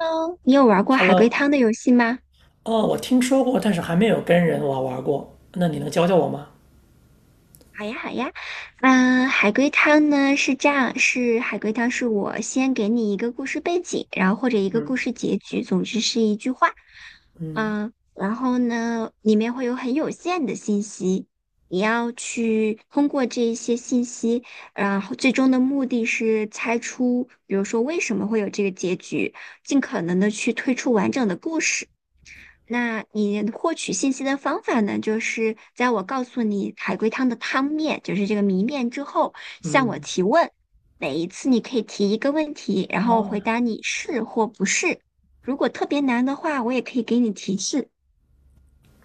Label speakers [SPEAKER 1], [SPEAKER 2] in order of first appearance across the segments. [SPEAKER 1] 喽，你有玩过海龟
[SPEAKER 2] Hello，
[SPEAKER 1] 汤的游戏吗？
[SPEAKER 2] 哦，我听说过，但是还没有跟人玩过。那你能教我吗？
[SPEAKER 1] 好呀，好呀。海龟汤呢是这样，是海龟汤是我先给你一个故事背景，然后或者一个故
[SPEAKER 2] 嗯
[SPEAKER 1] 事结局，总之是一句话。
[SPEAKER 2] 嗯
[SPEAKER 1] 嗯，然后呢，里面会有很有限的信息，你要去通过这一些信息，然后最终的目的是猜出，比如说为什么会有这个结局，尽可能的去推出完整的故事。那你获取信息的方法呢，就是在我告诉你海龟汤的汤面，就是这个谜面之后，向我
[SPEAKER 2] 嗯，
[SPEAKER 1] 提问。每一次你可以提一个问题，然后
[SPEAKER 2] 哦，
[SPEAKER 1] 回答你是或不是。如果特别难的话，我也可以给你提示，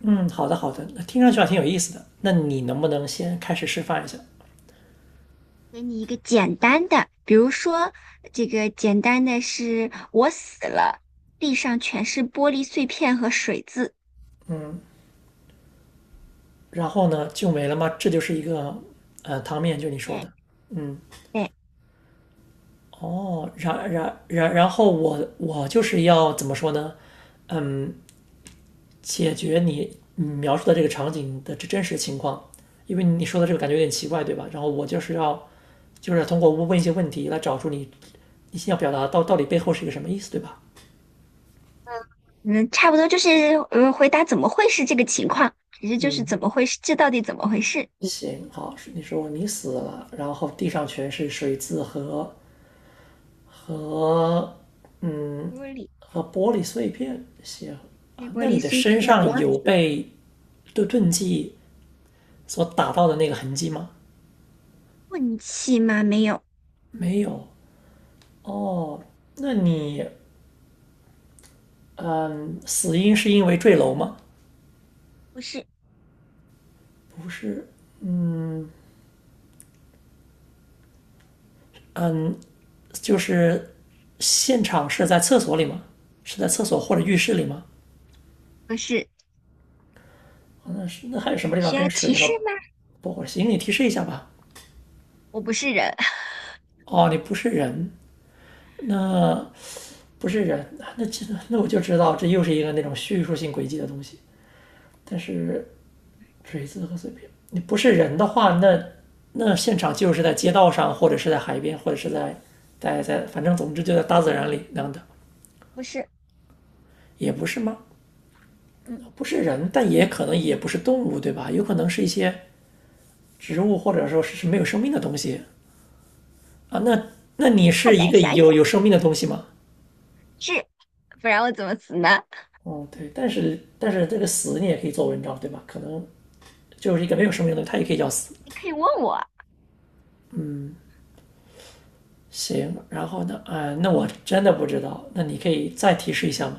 [SPEAKER 2] 嗯，好的好的，那听上去还挺有意思的。那你能不能先开始示范一下？
[SPEAKER 1] 给你一个简单的，比如说这个简单的是我死了，地上全是玻璃碎片和水渍。
[SPEAKER 2] 然后呢，就没了吗？这就是一个汤面，就你说的。
[SPEAKER 1] 对。
[SPEAKER 2] 嗯。
[SPEAKER 1] 对。
[SPEAKER 2] 哦，然后我就是要怎么说呢？嗯。解决你描述的这个场景的真实情况，因为你说的这个感觉有点奇怪，对吧？然后我就是要，就是通过问一些问题来找出你你要表达到底背后是一个什么意思，对吧？
[SPEAKER 1] 嗯，差不多就是回答怎么会是这个情况，其实就是
[SPEAKER 2] 嗯，
[SPEAKER 1] 怎么回事，这到底怎么回事？嗯
[SPEAKER 2] 行，好，你说你死了，然后地上全是水渍和嗯
[SPEAKER 1] 玻璃，
[SPEAKER 2] 和玻璃碎片，行啊，
[SPEAKER 1] 被玻
[SPEAKER 2] 那你
[SPEAKER 1] 璃
[SPEAKER 2] 的
[SPEAKER 1] 碎
[SPEAKER 2] 身
[SPEAKER 1] 片
[SPEAKER 2] 上
[SPEAKER 1] 我
[SPEAKER 2] 有
[SPEAKER 1] 死，
[SPEAKER 2] 被钝器所打到的那个痕迹吗？
[SPEAKER 1] 运气吗？没有，
[SPEAKER 2] 没有。哦，那你死因是因为坠楼吗？
[SPEAKER 1] 不是，
[SPEAKER 2] 不是，就是现场是在厕所里吗？是在厕所或者浴室里吗？
[SPEAKER 1] 不是，
[SPEAKER 2] 啊，那是那还有什么地方
[SPEAKER 1] 需要
[SPEAKER 2] 跟
[SPEAKER 1] 提
[SPEAKER 2] 水
[SPEAKER 1] 示
[SPEAKER 2] 和
[SPEAKER 1] 吗？
[SPEAKER 2] 不火星？你提示一下吧。
[SPEAKER 1] 我不是人，
[SPEAKER 2] 哦，你不是人，那不是人，那那这那我就知道这又是一个那种叙述性轨迹的东西。但是锤子和碎片，你不是人的话，那那现场就是在街道上，或者是在海边，或者是在，反正总之就在大自然里那样的，
[SPEAKER 1] 不是，
[SPEAKER 2] 也不是吗？
[SPEAKER 1] 嗯，
[SPEAKER 2] 不是人，但也可能也不是动物，对吧？有可能是一些植物，或者说是没有生命的东西啊。那那你
[SPEAKER 1] 快
[SPEAKER 2] 是一
[SPEAKER 1] 点
[SPEAKER 2] 个
[SPEAKER 1] 想想，
[SPEAKER 2] 有生命的东西吗？
[SPEAKER 1] 是，不然我怎么死呢？
[SPEAKER 2] 哦，对，但是这个死你也可以做文章，对吧？可能就是一个没有生命的东西，它也可以叫死。
[SPEAKER 1] 你可以问我，
[SPEAKER 2] 行，然后呢？那我真的不知道，那你可以再提示一下吗？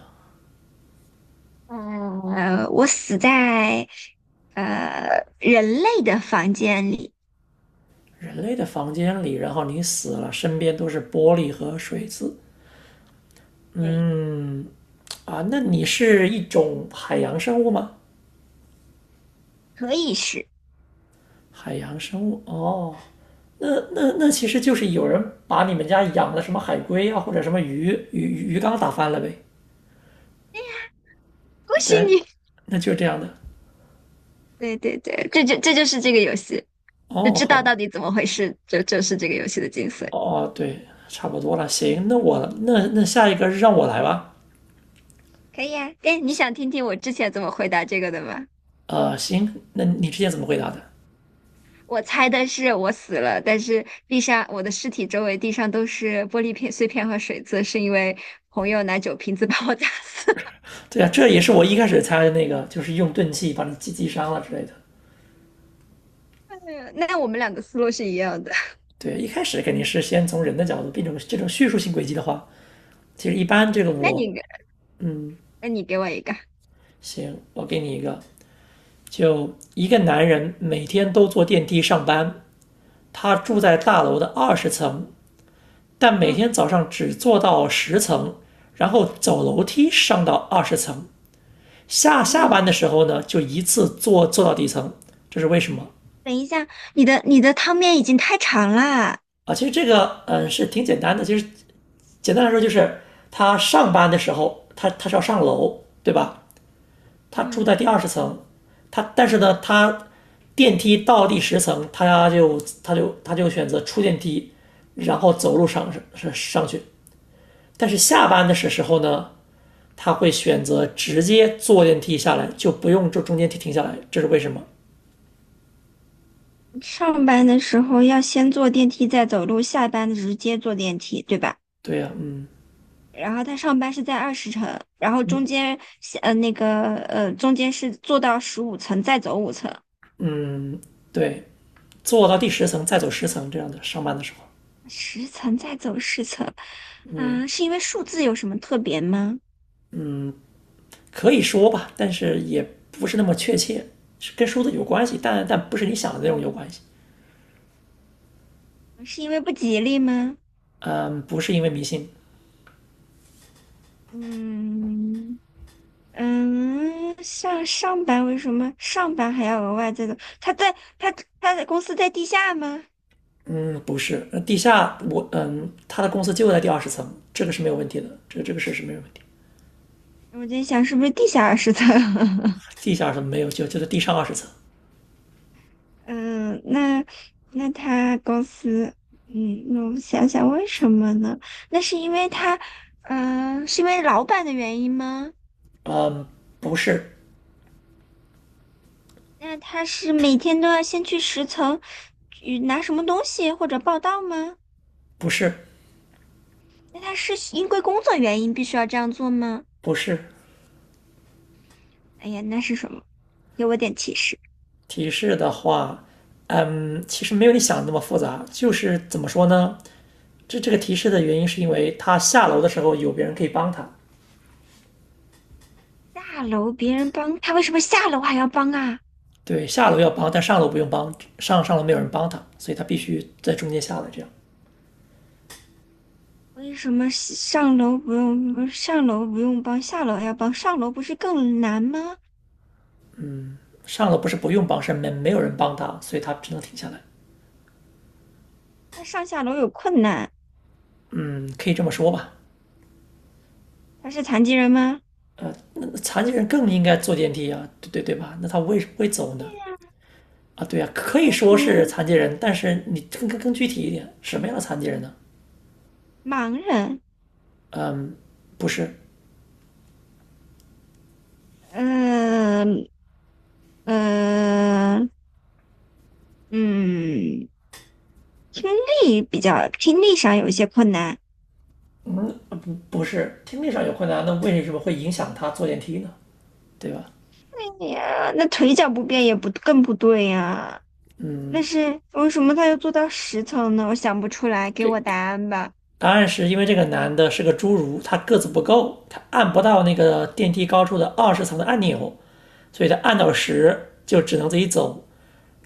[SPEAKER 1] 嗯，我死在人类的房间里，
[SPEAKER 2] 人类的房间里，然后你死了，身边都是玻璃和水渍
[SPEAKER 1] 对，
[SPEAKER 2] 啊。那你是一种海洋生物吗？
[SPEAKER 1] 可以是，
[SPEAKER 2] 海洋生物。哦，那那那其实就是有人把你们家养的什么海龟啊，或者什么鱼缸打翻了呗。
[SPEAKER 1] 恭
[SPEAKER 2] 啊，
[SPEAKER 1] 喜
[SPEAKER 2] 对，
[SPEAKER 1] 你，
[SPEAKER 2] 那就是这样的。
[SPEAKER 1] 对对对，这就是这个游戏。就
[SPEAKER 2] 哦，
[SPEAKER 1] 知
[SPEAKER 2] 好
[SPEAKER 1] 道
[SPEAKER 2] 吧。
[SPEAKER 1] 到底怎么回事，就是这个游戏的精髓。
[SPEAKER 2] 哦，对，差不多了。行，那我那那下一个让我来吧。
[SPEAKER 1] 可以啊，哎，你想听听我之前怎么回答这个的吗？
[SPEAKER 2] 行，那你之前怎么回答的？
[SPEAKER 1] 我猜的是我死了，但是地上我的尸体周围地上都是玻璃片碎片和水渍，是因为朋友拿酒瓶子把我砸死。
[SPEAKER 2] 对啊，这也是我一开始猜的那个，就是用钝器把你击伤了之类的。
[SPEAKER 1] 哎呀，那我们俩的思路是一样的。
[SPEAKER 2] 对，一开始肯定是先从人的角度变成这种叙述性轨迹的话，其实一般这个
[SPEAKER 1] 那
[SPEAKER 2] 我，
[SPEAKER 1] 你给
[SPEAKER 2] 嗯，
[SPEAKER 1] 那你给我一个。
[SPEAKER 2] 行，我给你一个，就一个男人每天都坐电梯上班，他住
[SPEAKER 1] 嗯。
[SPEAKER 2] 在大楼的二十层，但每
[SPEAKER 1] 嗯。
[SPEAKER 2] 天早上只坐到十层，然后走楼梯上到二十层。下下
[SPEAKER 1] 嗯，
[SPEAKER 2] 班的时候呢，就一次坐到底层，这是为什么
[SPEAKER 1] 等一下，你的汤面已经太长啦。
[SPEAKER 2] 啊？其实这个嗯是挺简单的，其实简单来说就是他上班的时候，他是要上楼，对吧？他住
[SPEAKER 1] 嗯。
[SPEAKER 2] 在第二十层，他但是呢，他电梯到第十层，他就选择出电梯，然后走路上去。但是下
[SPEAKER 1] 嗯，
[SPEAKER 2] 班的时候呢，他会选择直接坐电梯下来，就不用这中间停下来，这是为什么？
[SPEAKER 1] 上班的时候要先坐电梯再走路，下班直接坐电梯，对吧？
[SPEAKER 2] 对呀、啊，嗯
[SPEAKER 1] 然后他上班是在二十层，然后中间中间是坐到十五层再走五层，
[SPEAKER 2] 嗯，对，坐到第十层再走十层这样的上班的时候，
[SPEAKER 1] 十层再走十层，
[SPEAKER 2] 嗯，
[SPEAKER 1] 是因为数字有什么特别吗？
[SPEAKER 2] 可以说吧，但是也不是那么确切，是跟书的有关系，但不是你想的那种有关系。
[SPEAKER 1] 是因为不吉利吗？
[SPEAKER 2] 嗯，不是因为迷信，
[SPEAKER 1] 嗯。嗯，像上班为什么上班还要额外再走？他他的公司在地下吗？
[SPEAKER 2] 嗯，不是，那地下我嗯，他的公司就在第二十层，这个是没有问题的，这个事是没有问题。
[SPEAKER 1] 我在想是不是地下二十层？
[SPEAKER 2] 地下是没有，就在地上二十层。
[SPEAKER 1] 嗯，那那他公司，嗯，那我想想为什么呢？那是因为他，是因为老板的原因吗？
[SPEAKER 2] 不是，
[SPEAKER 1] 那他是每天都要先去十层，去拿什么东西或者报到吗？
[SPEAKER 2] 不是，
[SPEAKER 1] 那他是因为工作原因必须要这样做吗？
[SPEAKER 2] 不是。
[SPEAKER 1] 哎呀，那是什么？给我点提示。
[SPEAKER 2] 提示的话，嗯，其实没有你想的那么复杂，就是怎么说呢？这个提示的原因是因为他下楼的时候有别人可以帮他。
[SPEAKER 1] 下楼别人帮，他为什么下楼还要帮啊？
[SPEAKER 2] 对，下楼要帮，但上楼不用帮，上楼没有人帮他，所以他必须在中间下来这样。
[SPEAKER 1] 为什么上楼不用，上楼不用帮，下楼还要帮？上楼不是更难吗？
[SPEAKER 2] 上楼不是不用帮，是没有人帮他，所以他只能停下来。
[SPEAKER 1] 他上下楼有困难，
[SPEAKER 2] 嗯，可以这么说吧。
[SPEAKER 1] 他是残疾人吗？
[SPEAKER 2] 残疾人更应该坐电梯啊，对对吧？那他为什么会走呢？啊，对呀、啊，可
[SPEAKER 1] 他
[SPEAKER 2] 以
[SPEAKER 1] 是
[SPEAKER 2] 说
[SPEAKER 1] 属于
[SPEAKER 2] 是残疾人，但是你更具体一点，什么样的残疾人呢？
[SPEAKER 1] 盲人。
[SPEAKER 2] 不是，
[SPEAKER 1] 嗯。嗯。嗯，听力比较，听力上有一些困难。
[SPEAKER 2] 不是听力上有困难，那为什么会影响他坐电梯呢？对吧？
[SPEAKER 1] 哎呀，那腿脚不便也不更不对呀、那
[SPEAKER 2] 嗯，
[SPEAKER 1] 是为什么他要做到十层呢？我想不出来，给我
[SPEAKER 2] 给
[SPEAKER 1] 答案吧。
[SPEAKER 2] 答案是因为这个男的是个侏儒，他个子不够，他按不到那个电梯高处的二十层的按钮，所以他按到十就只能自己走。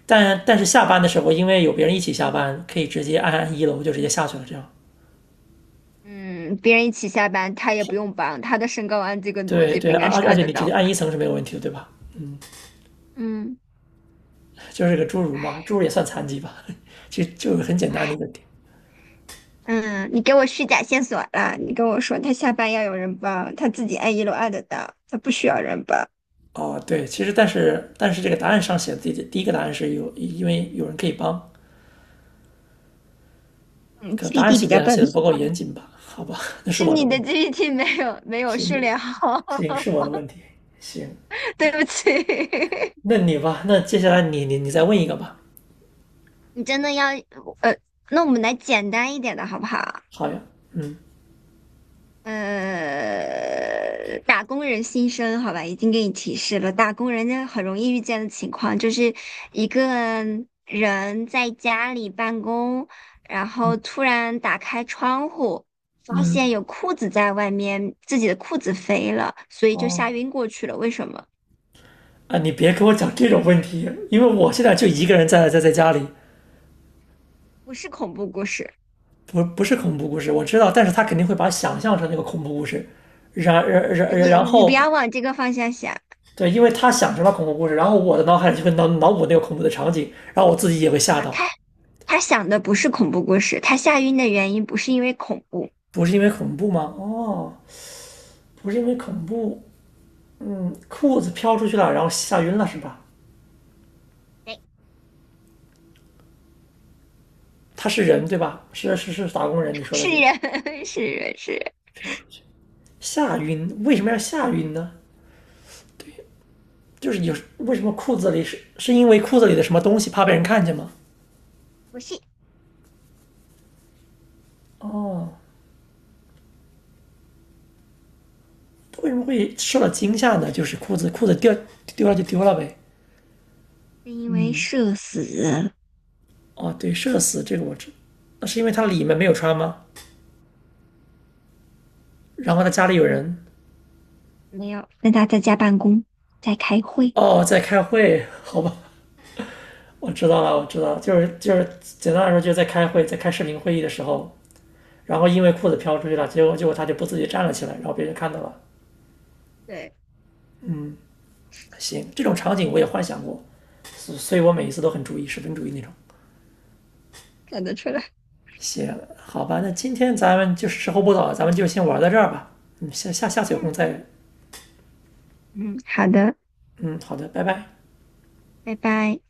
[SPEAKER 2] 但是下班的时候，因为有别人一起下班，可以直接按一楼就直接下去了，这样
[SPEAKER 1] 嗯，别人一起下班，他也不用帮，他的身高按这个逻
[SPEAKER 2] 对
[SPEAKER 1] 辑不
[SPEAKER 2] 对，
[SPEAKER 1] 应
[SPEAKER 2] 而
[SPEAKER 1] 该是
[SPEAKER 2] 而而
[SPEAKER 1] 按
[SPEAKER 2] 且
[SPEAKER 1] 得
[SPEAKER 2] 你直
[SPEAKER 1] 到
[SPEAKER 2] 接
[SPEAKER 1] 的。
[SPEAKER 2] 按一层是没有问题的，对吧？
[SPEAKER 1] 嗯。
[SPEAKER 2] 就是个侏儒嘛，侏儒也算残疾吧？其实就是很简单的一个点。
[SPEAKER 1] 嗯，你给我虚假线索了。你跟我说他下班要有人帮，他自己按一楼按得到，他不需要人帮。
[SPEAKER 2] 哦，对，其实但是这个答案上写的第一个答案是有，因为有人可以帮，
[SPEAKER 1] 嗯
[SPEAKER 2] 可答案
[SPEAKER 1] ，GPT 比
[SPEAKER 2] 写
[SPEAKER 1] 较
[SPEAKER 2] 的
[SPEAKER 1] 笨，
[SPEAKER 2] 写的不够严谨吧？好吧，那是
[SPEAKER 1] 是
[SPEAKER 2] 我的
[SPEAKER 1] 你
[SPEAKER 2] 问
[SPEAKER 1] 的
[SPEAKER 2] 题，
[SPEAKER 1] GPT 没有训
[SPEAKER 2] 行
[SPEAKER 1] 练好，
[SPEAKER 2] 行是我 的问题，行，
[SPEAKER 1] 对不起。
[SPEAKER 2] 那你吧，那接下来你再问一个吧。
[SPEAKER 1] 你真的要呃，那我们来简单一点的好不好？
[SPEAKER 2] 好呀，嗯
[SPEAKER 1] 呃，打工人心声，好吧，已经给你提示了。打工人家很容易遇见的情况，就是一个人在家里办公，然后突然打开窗户，发
[SPEAKER 2] 嗯，
[SPEAKER 1] 现有裤子在外面，自己的裤子飞了，所以就吓
[SPEAKER 2] 哦
[SPEAKER 1] 晕过去了。为什么？
[SPEAKER 2] 啊，你别给我讲这种问题，因为我现在就一个人在在家里，
[SPEAKER 1] 不是恐怖故事，
[SPEAKER 2] 不，不是恐怖故事，我知道，但是他肯定会把它想象成那个恐怖故事，然然然然
[SPEAKER 1] 你不
[SPEAKER 2] 后
[SPEAKER 1] 要往这个方向想
[SPEAKER 2] 对，因为他想成了恐怖故事，然后我的脑海里就会脑补那个恐怖的场景，然后我自己也会吓
[SPEAKER 1] 啊。
[SPEAKER 2] 到。
[SPEAKER 1] 他想的不是恐怖故事，他吓晕的原因不是因为恐怖，
[SPEAKER 2] 不是因为恐怖吗？哦，不是因为恐怖，嗯，裤子飘出去了，然后吓晕了是吧？
[SPEAKER 1] 对，
[SPEAKER 2] 他是人对吧？是打工人，你说的
[SPEAKER 1] 是
[SPEAKER 2] 是
[SPEAKER 1] 人，是人，是人。
[SPEAKER 2] 飘出去吓晕，为什么要吓晕呢？就是有为什么裤子里是因为裤子里的什么东西怕被人看见吗？
[SPEAKER 1] 不是，
[SPEAKER 2] 哦，为什么会受到惊吓呢？就是裤子掉丢了就丢了呗。
[SPEAKER 1] 是因为社死
[SPEAKER 2] 哦，对，社死这个我知，那是因为他里面没有穿吗？然后他家里有人
[SPEAKER 1] 没有跟他在家办公，在开会。
[SPEAKER 2] 哦在开会，好吧，我知道了，我知道了，就是简单来说就是在开会，在开视频会议的时候，然后因为裤子飘出去了，结果他就不自己站了起来，然后别人看到了。
[SPEAKER 1] 对，
[SPEAKER 2] 行，这种场景我也幻想过，所以我每一次都很注意，十分注意那种。
[SPEAKER 1] 看得出来。
[SPEAKER 2] 行，好吧，那今天咱们就是时候不早了，咱们就先玩到这儿吧。嗯，下次有空
[SPEAKER 1] 嗯。
[SPEAKER 2] 再。
[SPEAKER 1] 嗯，好的，
[SPEAKER 2] 嗯，好的，拜拜。
[SPEAKER 1] 拜拜。